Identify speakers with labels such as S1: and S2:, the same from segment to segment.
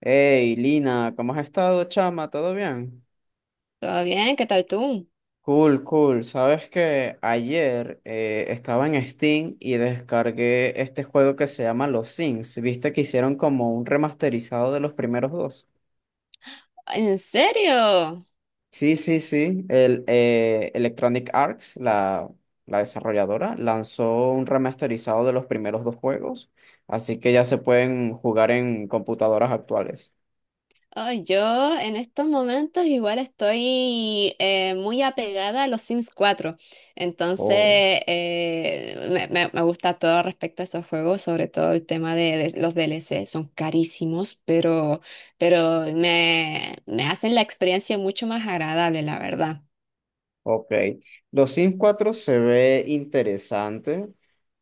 S1: Hey, Lina, ¿cómo has estado, chama? ¿Todo bien?
S2: Todo bien, ¿qué tal tú?
S1: Cool, cool. Sabes que ayer estaba en Steam y descargué este juego que se llama Los Sims. ¿Viste que hicieron como un remasterizado de los primeros dos?
S2: ¿En serio?
S1: Sí, sí, sí. Electronic Arts, la desarrolladora, lanzó un remasterizado de los primeros dos juegos, así que ya se pueden jugar en computadoras actuales.
S2: Ay, yo en estos momentos igual estoy muy apegada a los Sims cuatro, entonces
S1: Oh.
S2: me gusta todo respecto a esos juegos, sobre todo el tema de los DLC, son carísimos, pero me hacen la experiencia mucho más agradable, la verdad.
S1: Ok, los Sims 4 se ve interesante,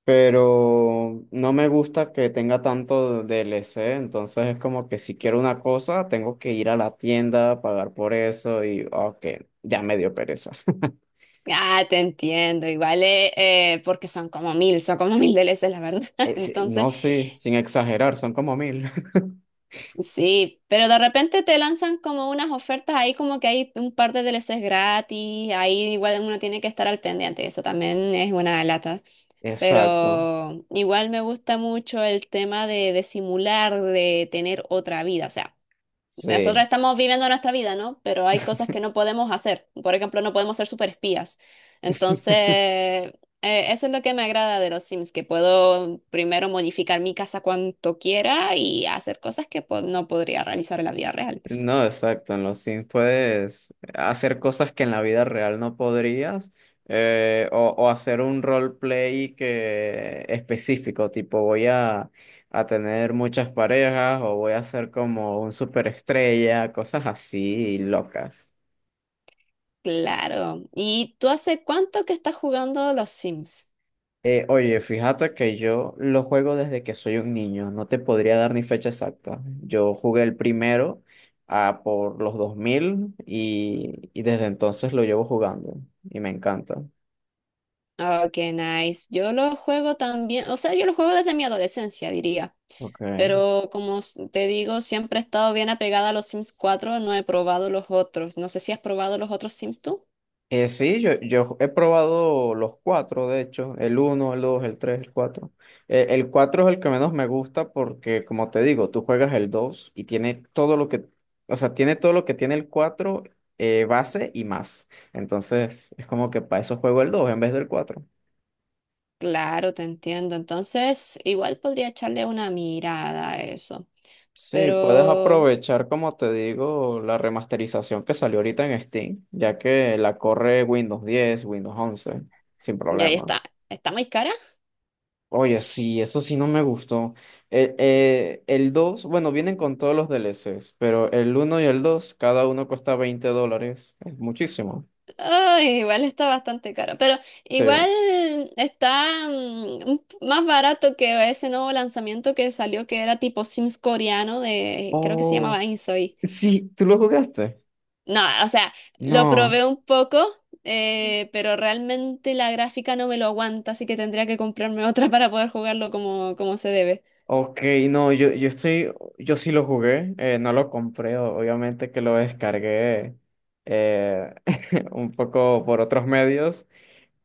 S1: pero no me gusta que tenga tanto DLC, entonces es como que si quiero una cosa, tengo que ir a la tienda, pagar por eso y, ok, ya me dio pereza.
S2: Ah, te entiendo, igual porque son como mil DLCs, la verdad.
S1: Sí,
S2: Entonces...
S1: no, sí, sin exagerar, son como mil.
S2: Sí, pero de repente te lanzan como unas ofertas ahí, como que hay un par de DLCs gratis, ahí igual uno tiene que estar al pendiente, eso también es una lata.
S1: Exacto,
S2: Pero igual me gusta mucho el tema de simular, de tener otra vida, o sea. Nosotros
S1: sí.
S2: estamos viviendo nuestra vida, ¿no? Pero hay cosas que no podemos hacer. Por ejemplo, no podemos ser superespías. Entonces, eso es lo que me agrada de los Sims, que puedo primero modificar mi casa cuanto quiera y hacer cosas que pues, no podría realizar en la vida real.
S1: No, exacto. En los Sims puedes hacer cosas que en la vida real no podrías, o hacer un roleplay que específico, tipo a tener muchas parejas o voy a ser como un superestrella, cosas así locas.
S2: Claro. ¿Y tú hace cuánto que estás jugando los Sims?
S1: Oye, fíjate que yo lo juego desde que soy un niño, no te podría dar ni fecha exacta. Yo jugué el primero ah, por los 2000 y desde entonces lo llevo jugando y me encanta.
S2: Oh, qué nice. Yo lo juego también, o sea, yo lo juego desde mi adolescencia, diría.
S1: Ok.
S2: Pero como te digo, siempre he estado bien apegada a los Sims cuatro. No he probado los otros. No sé si has probado los otros Sims tú.
S1: Yo he probado los cuatro, de hecho, el uno, el dos, el tres, el cuatro. El cuatro es el que menos me gusta porque, como te digo, tú juegas el dos y tiene o sea, tiene todo lo que tiene el cuatro base y más. Entonces, es como que para eso juego el dos en vez del cuatro.
S2: Claro, te entiendo. Entonces, igual podría echarle una mirada a eso.
S1: Sí, puedes
S2: Pero,
S1: aprovechar, como te digo, la remasterización que salió ahorita en Steam, ya que la corre Windows 10 Windows 11 sin
S2: y ahí
S1: problema.
S2: está. ¿Está muy cara?
S1: Oye, sí, eso sí no me gustó. El 2, bueno, vienen con todos los DLCs, pero el uno y el 2, cada uno cuesta $20. Es muchísimo.
S2: Ay, igual está bastante cara. Pero
S1: Sí.
S2: igual está más barato que ese nuevo lanzamiento que salió, que era tipo Sims coreano de, creo que se
S1: Oh,
S2: llamaba Insoy.
S1: sí, ¿tú lo jugaste?
S2: No, o sea, lo
S1: No.
S2: probé un poco, pero realmente la gráfica no me lo aguanta, así que tendría que comprarme otra para poder jugarlo como, como se debe.
S1: Ok, no, yo sí lo jugué, no lo compré, obviamente que lo descargué eh, un poco por otros medios.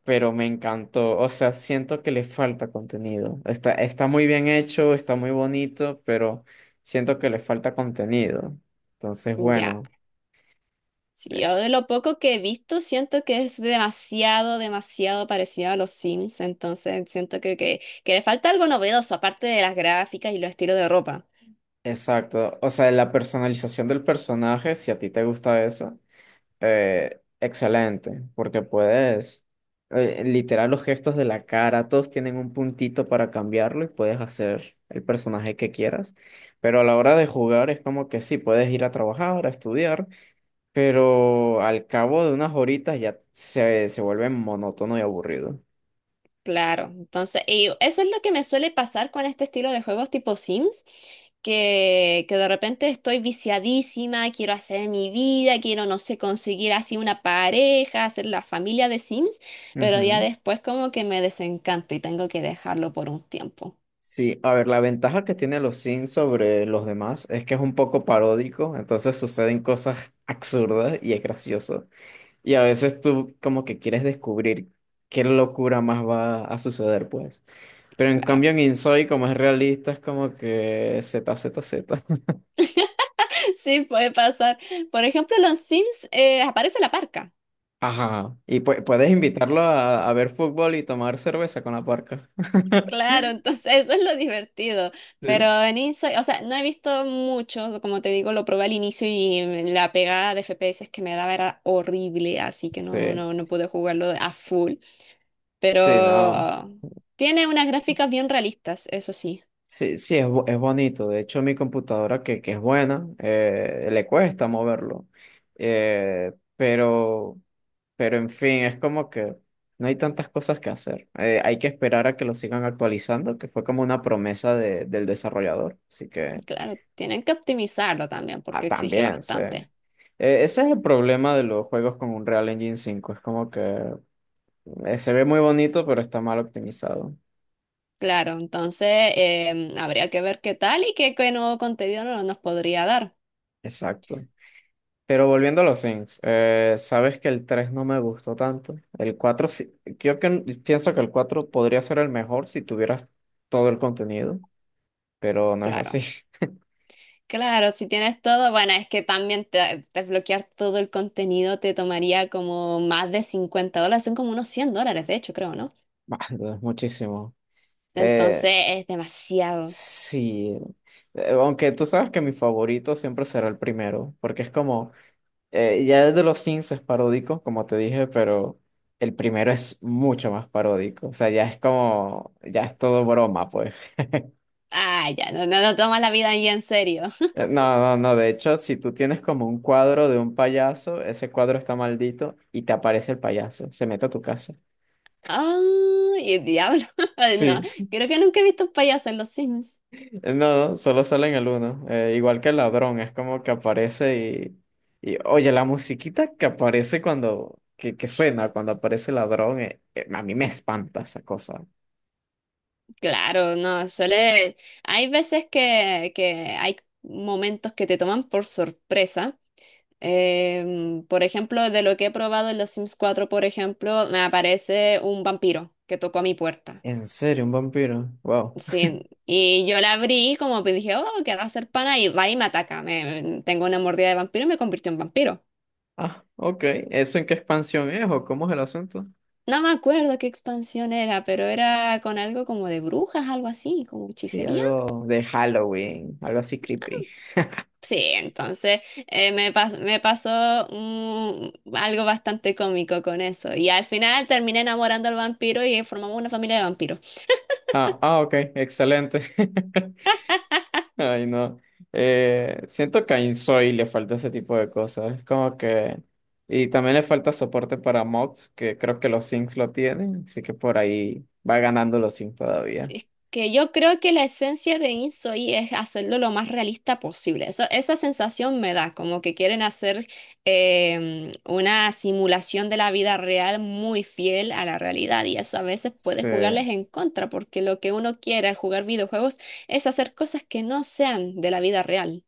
S1: Pero me encantó. O sea, siento que le falta contenido. Está muy bien hecho, está muy bonito, pero siento que le falta contenido. Entonces,
S2: Ya.
S1: bueno,
S2: Sí,
S1: eh,
S2: yo de lo poco que he visto siento que es demasiado, demasiado parecido a los Sims, entonces siento que le falta algo novedoso, aparte de las gráficas y los estilos de ropa.
S1: exacto. O sea, la personalización del personaje, si a ti te gusta eso, excelente, porque puedes... literal, los gestos de la cara, todos tienen un puntito para cambiarlo y puedes hacer el personaje que quieras. Pero a la hora de jugar es como que sí, puedes ir a trabajar, a estudiar, pero al cabo de unas horitas se vuelve monótono y aburrido.
S2: Claro, entonces, y eso es lo que me suele pasar con este estilo de juegos tipo Sims, que de repente estoy viciadísima, quiero hacer mi vida, quiero, no sé, conseguir así una pareja, hacer la familia de Sims, pero ya
S1: Ujú.
S2: después como que me desencanto y tengo que dejarlo por un tiempo,
S1: Sí, a ver, la ventaja que tiene los Sims sobre los demás es que es un poco paródico, entonces suceden cosas absurdas y es gracioso. Y a veces tú como que quieres descubrir qué locura más va a suceder, pues. Pero en
S2: claro.
S1: cambio en Insoy, como es realista, es como que Z, Z, Z.
S2: Sí, puede pasar. Por ejemplo, en los Sims aparece la parca.
S1: Ajá. Y puedes invitarlo a ver fútbol y tomar cerveza con la parca.
S2: Claro, entonces eso es lo divertido.
S1: Sí.
S2: Pero en Inside, o sea, no he visto mucho, como te digo, lo probé al inicio y la pegada de FPS que me daba era horrible, así que no,
S1: Sí,
S2: no, no pude jugarlo a full. Pero
S1: sí, no.
S2: tiene unas gráficas bien realistas, eso sí.
S1: Sí, sí, es, es bonito. De hecho, mi computadora, que es buena, le cuesta moverlo. Eh, pero, pero, en fin, es como que no hay tantas cosas que hacer. Hay que esperar a que lo sigan actualizando, que fue como una promesa del desarrollador. Así que,
S2: Claro, tienen que optimizarlo también porque
S1: ah,
S2: exige
S1: también, sí.
S2: bastante.
S1: Ese es el problema de los juegos con Unreal Engine 5. Es como que se ve muy bonito, pero está mal optimizado.
S2: Claro, entonces habría que ver qué tal y qué nuevo contenido nos podría dar.
S1: Exacto. Pero volviendo a los Things, sabes que el 3 no me gustó tanto. Yo que, pienso que el 4 podría ser el mejor si tuvieras todo el contenido, pero no es así.
S2: Claro. Claro, si tienes todo, bueno, es que también desbloquear todo el contenido te tomaría como más de $50, son como unos $100, de hecho, creo, ¿no?
S1: Bueno, es muchísimo. Eh,
S2: Entonces es demasiado.
S1: sí, aunque tú sabes que mi favorito siempre será el primero, porque es como, ya el de los Things es paródico, como te dije, pero el primero es mucho más paródico. O sea, ya es como, ya es todo broma, pues.
S2: Ah, ya, no, no, no tomas la vida ahí en serio.
S1: No, de hecho, si tú tienes como un cuadro de un payaso, ese cuadro está maldito y te aparece el payaso, se mete a tu casa.
S2: Ah, y diablo. No,
S1: Sí,
S2: creo que nunca he visto un payaso en los Sims.
S1: no, no, solo sale en el uno, igual que el ladrón, es como que aparece y oye, la musiquita que aparece que suena cuando aparece el ladrón, a mí me espanta esa cosa.
S2: Claro, no, suele... Hay veces que hay momentos que te toman por sorpresa. Por ejemplo, de lo que he probado en los Sims cuatro, por ejemplo, me aparece un vampiro que tocó a mi puerta.
S1: ¿En serio, un vampiro? Wow.
S2: Sí, y yo la abrí como que dije, oh, querrá hacer pana y va y me ataca. Tengo una mordida de vampiro y me convirtió en vampiro.
S1: Ah, ok, ¿eso en qué expansión es o cómo es el asunto?
S2: No me acuerdo qué expansión era, pero era con algo como de brujas, algo así, como
S1: Sí,
S2: hechicería.
S1: algo de Halloween, algo así creepy.
S2: Sí, entonces me pasó algo bastante cómico con eso. Y al final terminé enamorando al vampiro y formamos una familia de vampiros.
S1: Ah, ah, ok, excelente. Ay, no. Siento que a Insoy le falta ese tipo de cosas. Es como que. Y también le falta soporte para mods, que creo que los Sims lo tienen. Así que por ahí va ganando los Sims
S2: Sí,
S1: todavía.
S2: es que yo creo que la esencia de InSoy es hacerlo lo más realista posible. Esa sensación me da, como que quieren hacer una simulación de la vida real muy fiel a la realidad y eso a veces puede
S1: Sí,
S2: jugarles en contra, porque lo que uno quiere al jugar videojuegos es hacer cosas que no sean de la vida real.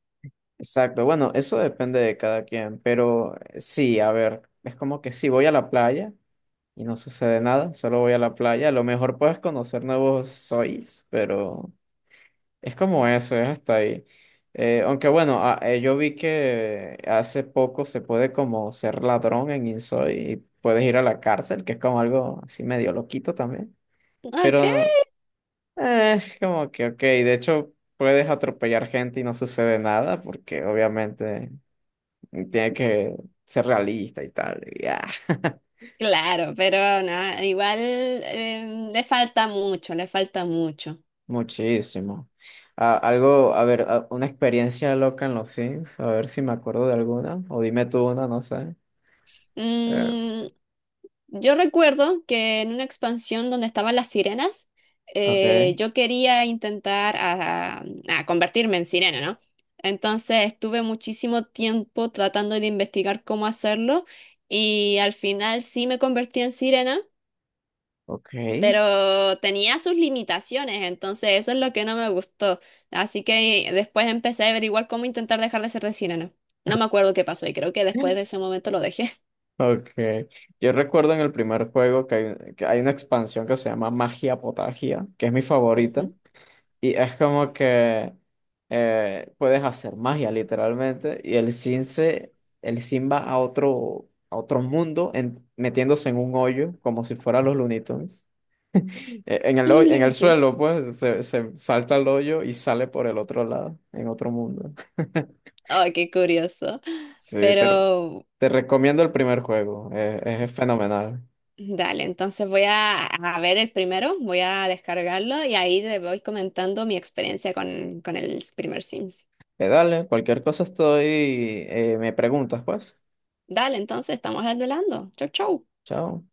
S1: exacto. Bueno, eso depende de cada quien. Pero sí, a ver. Es como que si voy a la playa y no sucede nada, solo voy a la playa. A lo mejor puedes conocer nuevos Sois, pero. Es como eso, es hasta ahí. Yo vi que hace poco se puede como ser ladrón en Insoy y puedes ir a la cárcel, que es como algo así medio loquito también.
S2: Ok,
S1: Pero es como que, ok, de hecho puedes atropellar gente y no sucede nada porque obviamente tiene que ser realista y tal. Y ya.
S2: claro, pero no, igual le falta mucho, le falta mucho.
S1: Muchísimo. Ah, algo, a ver, ah, una experiencia loca en los Sims, a ver si me acuerdo de alguna, o dime tú una, no sé. Eh,
S2: Mm, Yo recuerdo que en una expansión donde estaban las sirenas,
S1: Okay,
S2: yo quería intentar a convertirme en sirena, ¿no? Entonces estuve muchísimo tiempo tratando de investigar cómo hacerlo y al final sí me convertí en sirena,
S1: okay,
S2: pero tenía sus limitaciones, entonces eso es lo que no me gustó. Así que después empecé a averiguar cómo intentar dejar de ser de sirena. No No me acuerdo qué pasó y creo que después de ese momento lo dejé.
S1: okay. Yo recuerdo en el primer juego que hay una expansión que se llama Magia Potagia, que es mi favorita.
S2: Ujú.
S1: Y es como que puedes hacer magia literalmente. Y el Sin va a otro mundo metiéndose en un hoyo como si fuera los Looney Tunes.
S2: Los
S1: En el
S2: lunitos.
S1: suelo, pues, se salta al hoyo y sale por el otro lado, en otro mundo.
S2: Ay, qué curioso.
S1: Sí, te,
S2: Pero
S1: te recomiendo el primer juego, es fenomenal.
S2: dale, entonces voy a ver el primero, voy a descargarlo y ahí te voy comentando mi experiencia con el primer Sims.
S1: Dale, cualquier cosa estoy, me preguntas, pues.
S2: Dale, entonces estamos hablando. Chau, chau.
S1: Chao.